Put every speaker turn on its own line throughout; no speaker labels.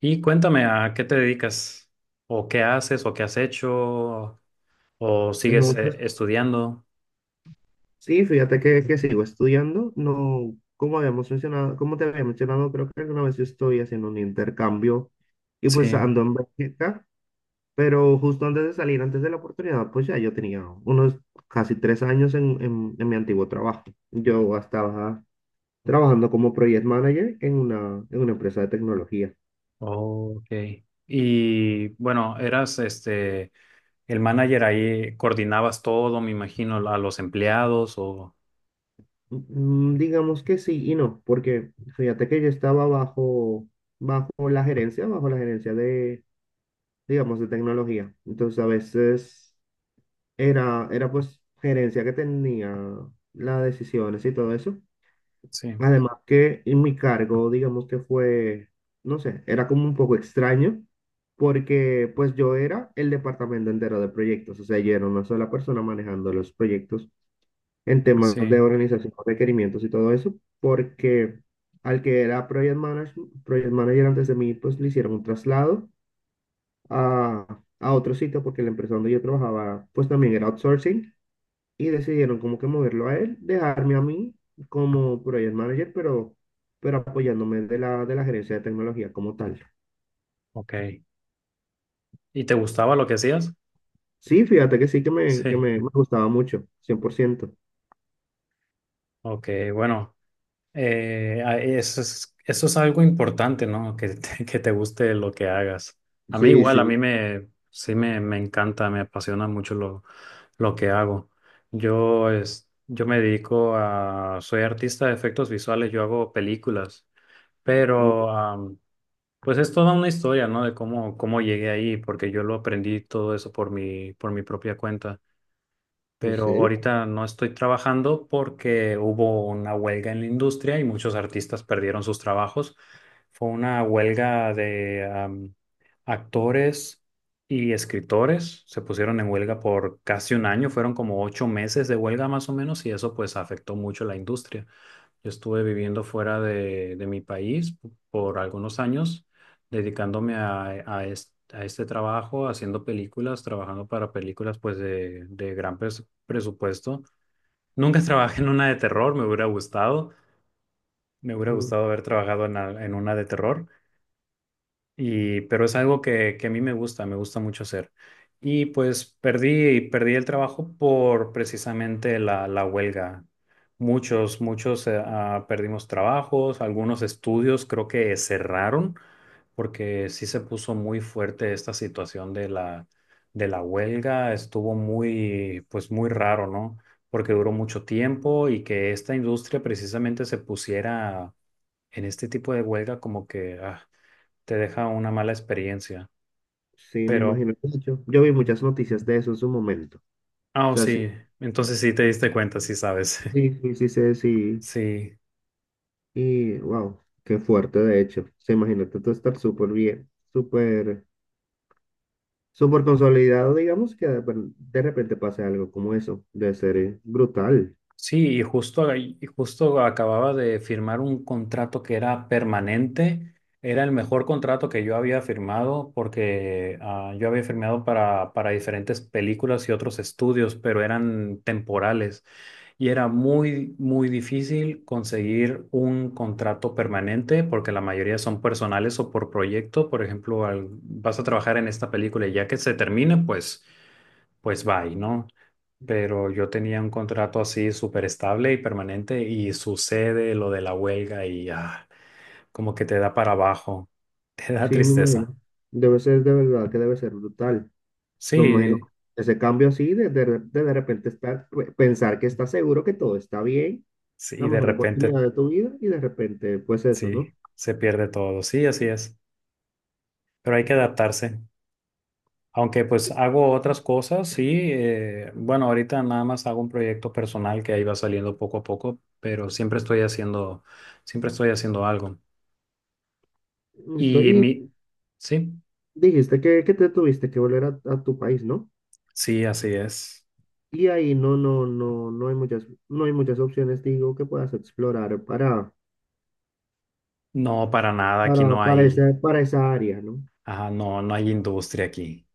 Y cuéntame, ¿a qué te dedicas? ¿O qué haces? ¿O qué has hecho? ¿O sigues
No, pues
estudiando?
sí, fíjate que sigo estudiando. No, como habíamos mencionado, como te había mencionado, creo que alguna vez yo estoy haciendo un intercambio y
Sí.
pues ando en Bélgica, pero justo antes de salir, antes de la oportunidad, pues ya yo tenía unos casi 3 años en mi antiguo trabajo. Yo estaba trabajando como project manager en una empresa de tecnología.
Ok. Y bueno, eras este el manager ahí, coordinabas todo, me imagino, a los empleados o
Digamos que sí y no, porque fíjate que yo estaba bajo la gerencia, bajo la gerencia de tecnología. Entonces, a veces era pues gerencia que tenía las decisiones y todo eso.
sí,
Además que en mi cargo, digamos que fue, no sé, era como un poco extraño, porque pues yo era el departamento entero de proyectos, o sea, yo era una sola persona manejando los proyectos en temas
sí,
de organización, requerimientos y todo eso, porque al que era project manager antes de mí, pues le hicieron un traslado a otro sitio porque la empresa donde yo trabajaba pues también era outsourcing y decidieron como que moverlo a él, dejarme a mí como project manager, pero apoyándome de la gerencia de tecnología como tal.
ok. ¿Y te gustaba lo que hacías?
Sí, fíjate que sí que me, que
Sí.
me, me gustaba mucho, 100%.
Ok, bueno. Eso es, eso es algo importante, ¿no? Que te, que te guste lo que hagas. A mí
Sí,
igual, a mí
sí.
me, sí me encanta, me apasiona mucho lo que hago. Yo, es, yo me dedico a, soy artista de efectos visuales, yo hago películas,
Mm,
pero pues es toda una historia, ¿no? De cómo, cómo llegué ahí, porque yo lo aprendí todo eso por mi propia cuenta,
¿En
pero
serio?
ahorita no estoy trabajando porque hubo una huelga en la industria y muchos artistas perdieron sus trabajos. Fue una huelga de actores y escritores. Se pusieron en huelga por casi un año, fueron como ocho meses de huelga más o menos y eso pues afectó mucho la industria. Yo estuve viviendo fuera de mi país por algunos años, dedicándome a, a este trabajo, haciendo películas, trabajando para películas pues de gran presupuesto. Nunca trabajé en una de terror, me hubiera
Mm,
gustado haber trabajado en, en una de terror, y, pero es algo que a mí me gusta mucho hacer. Y pues perdí, perdí el trabajo por precisamente la, la huelga. Muchos, muchos perdimos trabajos, algunos estudios creo que cerraron porque sí se puso muy fuerte esta situación de la huelga. Estuvo muy, pues muy raro, ¿no? Porque duró mucho tiempo y que esta industria precisamente se pusiera en este tipo de huelga como que... te deja una mala experiencia.
Sí, me
Pero,
imagino que mucho. Yo vi muchas noticias de eso en su momento. O
oh,
sea, sí,
sí, entonces sí te diste cuenta, sí sabes.
sí, sí, sí, sé, sí.
Sí,
Y wow, qué fuerte, de hecho. Se imagina tú estar súper bien, súper súper consolidado, digamos, que de repente pase algo como eso. Debe ser brutal.
sí, y justo, y justo acababa de firmar un contrato que era permanente. Era el mejor contrato que yo había firmado porque yo había firmado para diferentes películas y otros estudios, pero eran temporales. Y era muy, muy difícil conseguir un contrato permanente porque la mayoría son personales o por proyecto. Por ejemplo, vas a trabajar en esta película y ya que se termine, pues, pues bye, ¿no? Pero yo tenía un contrato así súper estable y permanente y sucede lo de la huelga y como que te da para abajo, te da
Sí, me
tristeza.
imagino. Debe ser de verdad que debe ser brutal. No me
Sí,
imagino. Ese cambio así, de repente estar, pensar que estás seguro que todo está bien,
sí, y
la
de
mejor
repente
oportunidad de tu vida, y de repente, pues eso, ¿no?
sí, se pierde todo, sí, así es, pero hay que adaptarse. Aunque pues hago otras cosas, sí, bueno, ahorita nada más hago un proyecto personal que ahí va saliendo poco a poco, pero siempre estoy haciendo algo.
Listo.
Y
Y
mi, sí,
dijiste que te tuviste que volver a tu país, ¿no?
sí, así es.
Y ahí no hay muchas, no hay muchas opciones, digo, que puedas explorar para,
No, para nada, aquí
para,
no
para esa,
hay,
para esa área, ¿no?
ajá, no, no hay industria aquí.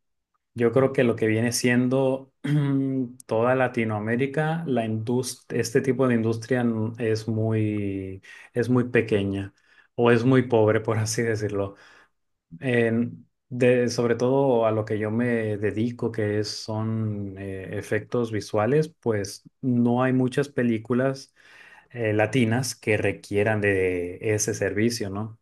Yo creo que lo que viene siendo toda Latinoamérica, este tipo de industria es muy pequeña o es muy pobre, por así decirlo. Sobre todo a lo que yo me dedico, que es, son efectos visuales, pues no hay muchas películas latinas que requieran de ese servicio, ¿no?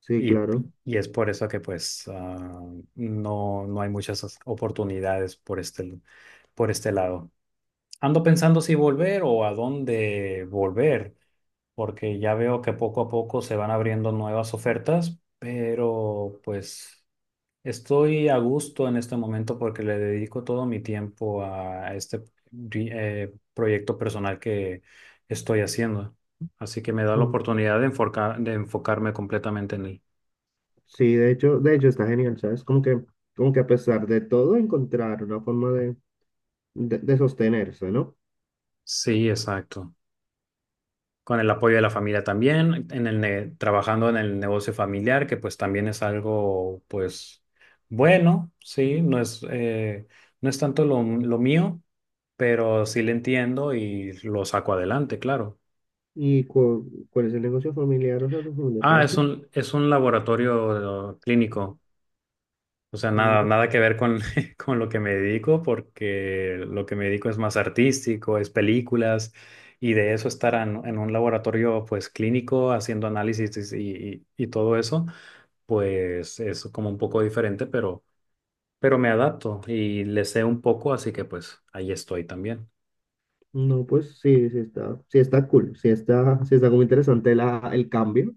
Sí,
Y,
claro.
y es por eso que pues no, no hay muchas oportunidades por este lado. Ando pensando si volver o a dónde volver, porque ya veo que poco a poco se van abriendo nuevas ofertas, pero pues estoy a gusto en este momento porque le dedico todo mi tiempo a este proyecto personal que estoy haciendo. Así que me da la
Mm.
oportunidad de de enfocarme completamente en él.
Sí, de hecho está genial, ¿sabes? Como que a pesar de todo, encontrar una forma de sostenerse, ¿no?
Sí, exacto. Con el apoyo de la familia también, trabajando en el negocio familiar, que pues también es algo, pues, bueno, sí, no es, no es tanto lo mío, pero sí le entiendo y lo saco adelante, claro.
¿Y cuál es el negocio familiar? O sea, tu familia, ¿qué
Ah,
hace?
es un laboratorio clínico. O sea, nada,
Mm,
nada que ver con, con lo que me dedico, porque lo que me dedico es más artístico, es películas, y de eso estar en un laboratorio pues clínico haciendo análisis y, y todo eso, pues es como un poco diferente, pero me adapto y le sé un poco, así que pues ahí estoy también.
No, pues sí, sí está cool, sí está como interesante el cambio.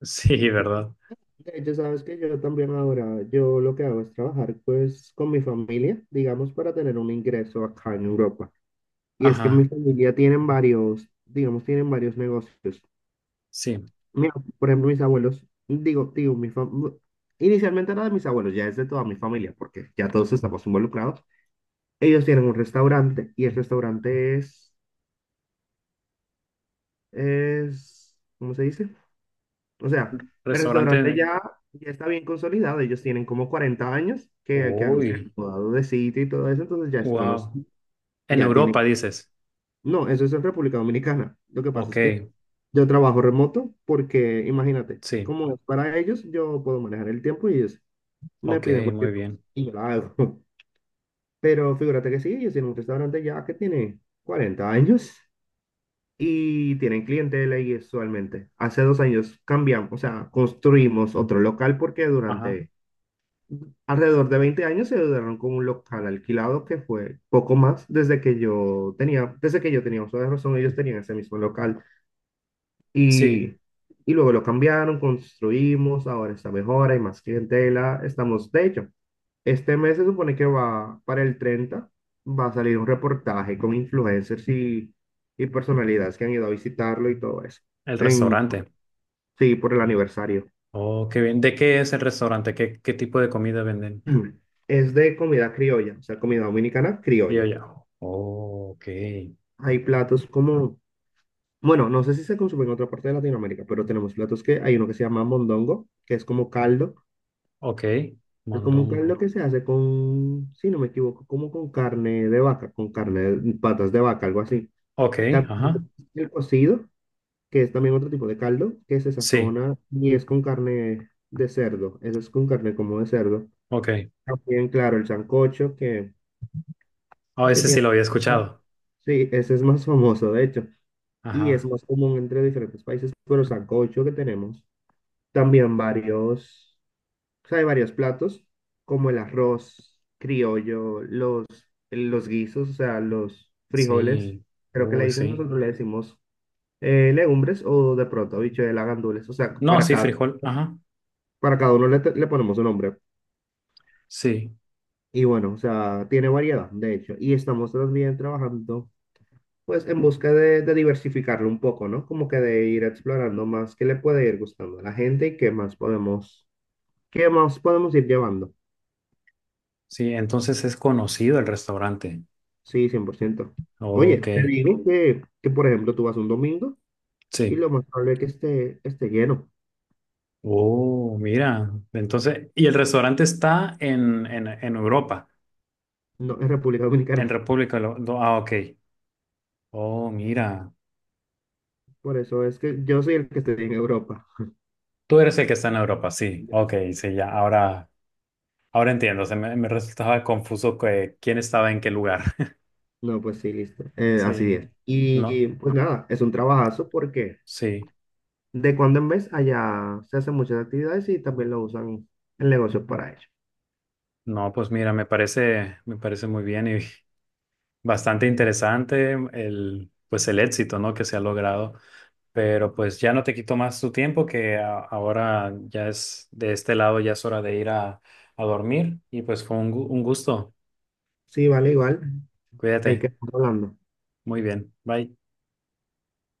Sí, ¿verdad?
De hecho, sabes que yo también ahora, yo lo que hago es trabajar pues con mi familia, digamos, para tener un ingreso acá en Europa. Y es que mi
Ajá,
familia tienen varios, digamos, tienen varios negocios.
sí.
Mira, por ejemplo, mis abuelos, digo, inicialmente era de mis abuelos, ya es de toda mi familia, porque ya todos estamos involucrados. Ellos tienen un restaurante y el restaurante es, ¿cómo se dice? O sea, el
Restaurante.
restaurante ya está bien consolidado, ellos tienen como 40 años que se han
Uy,
mudado de sitio y todo eso, entonces ya es
wow.
conocido,
En
ya
Europa,
tienen,
dices.
no, eso es en República Dominicana. Lo que pasa
Ok,
es que yo trabajo remoto porque, imagínate,
sí.
como es para ellos, yo puedo manejar el tiempo y ellos me
Ok,
piden
muy
cualquier cosa
bien.
y yo la hago. Pero figúrate que sí, ellos tienen un restaurante ya que tiene 40 años y tienen clientela y usualmente. Hace 2 años cambiamos, o sea, construimos otro local porque
Ajá,
durante alrededor de 20 años se duraron con un local alquilado que fue poco más desde que yo tenía uso de razón, ellos tenían ese mismo local.
sí.
Y, y luego lo cambiaron, construimos, ahora está mejor, hay más clientela, estamos, de hecho, este mes se supone que va para el 30, va a salir un reportaje con influencers y personalidades que han ido a visitarlo y todo eso.
El
En,
restaurante.
sí, por el aniversario.
Oh, qué bien. ¿De qué es el restaurante? ¿Qué, qué tipo de comida venden?
Mm. Es de comida criolla, o sea, comida dominicana
Y yo
criolla.
ya. Oh, ok.
Hay platos como, bueno, no sé si se consume en otra parte de Latinoamérica, pero tenemos platos que hay uno que se llama mondongo, que es como caldo.
Ok.
Es como un
Mondongo.
caldo que se hace con, si no me equivoco, como con carne de vaca, con carne de patas de vaca, algo así.
Ok,
También
ajá.
el cocido, que es también otro tipo de caldo, que se
Sí,
sazona y es con carne de cerdo. Eso es con carne como de cerdo.
ok.
También, claro, el sancocho que,
Oh,
que
ese sí
tiene.
lo había escuchado.
Sí, ese es más famoso, de hecho, y es
Ajá.
más común entre diferentes países, pero sancocho que tenemos. También varios. O sea, hay varios platos, como el arroz criollo, los guisos, o sea, los frijoles,
Sí.
creo que le
Uy,
dicen,
sí.
nosotros le decimos legumbres o de pronto habichuelas, gandules, o sea,
No,
para
sí,
cada,
frijol. Ajá.
para cada uno le ponemos un nombre.
Sí.
Y bueno, o sea, tiene variedad, de hecho, y estamos también trabajando, pues, en busca de diversificarlo un poco, ¿no? Como que de ir explorando más qué le puede ir gustando a la gente y qué más podemos ir llevando.
Sí, entonces es conocido el restaurante.
Sí, 100%.
Ok.
Oye, te digo que, por ejemplo, tú vas un domingo y
Sí.
lo más probable es que esté lleno,
Oh, mira. Entonces, y el restaurante está en Europa,
no en República
en
Dominicana.
República. Ah, ok. Oh, mira.
Por eso es que yo soy el que estoy en Europa.
Tú eres el que está en Europa, sí. Ok, sí, ya. Ahora, ahora entiendo. Se me, me resultaba confuso que, quién estaba en qué lugar.
No, pues sí, listo.
Sí,
Así es.
no,
Y pues nada, es un trabajazo porque
sí.
de cuando en vez allá se hacen muchas actividades y también lo usan en negocios para ello.
No, pues mira, me parece muy bien y bastante interesante el, pues el éxito, ¿no?, que se ha logrado. Pero pues ya no te quito más tu tiempo, que ahora ya es de este lado, ya es hora de ir a dormir. Y pues fue un, un gusto.
Sí, vale, igual. Hay que
Cuídate.
estar hablando.
Muy bien. Bye.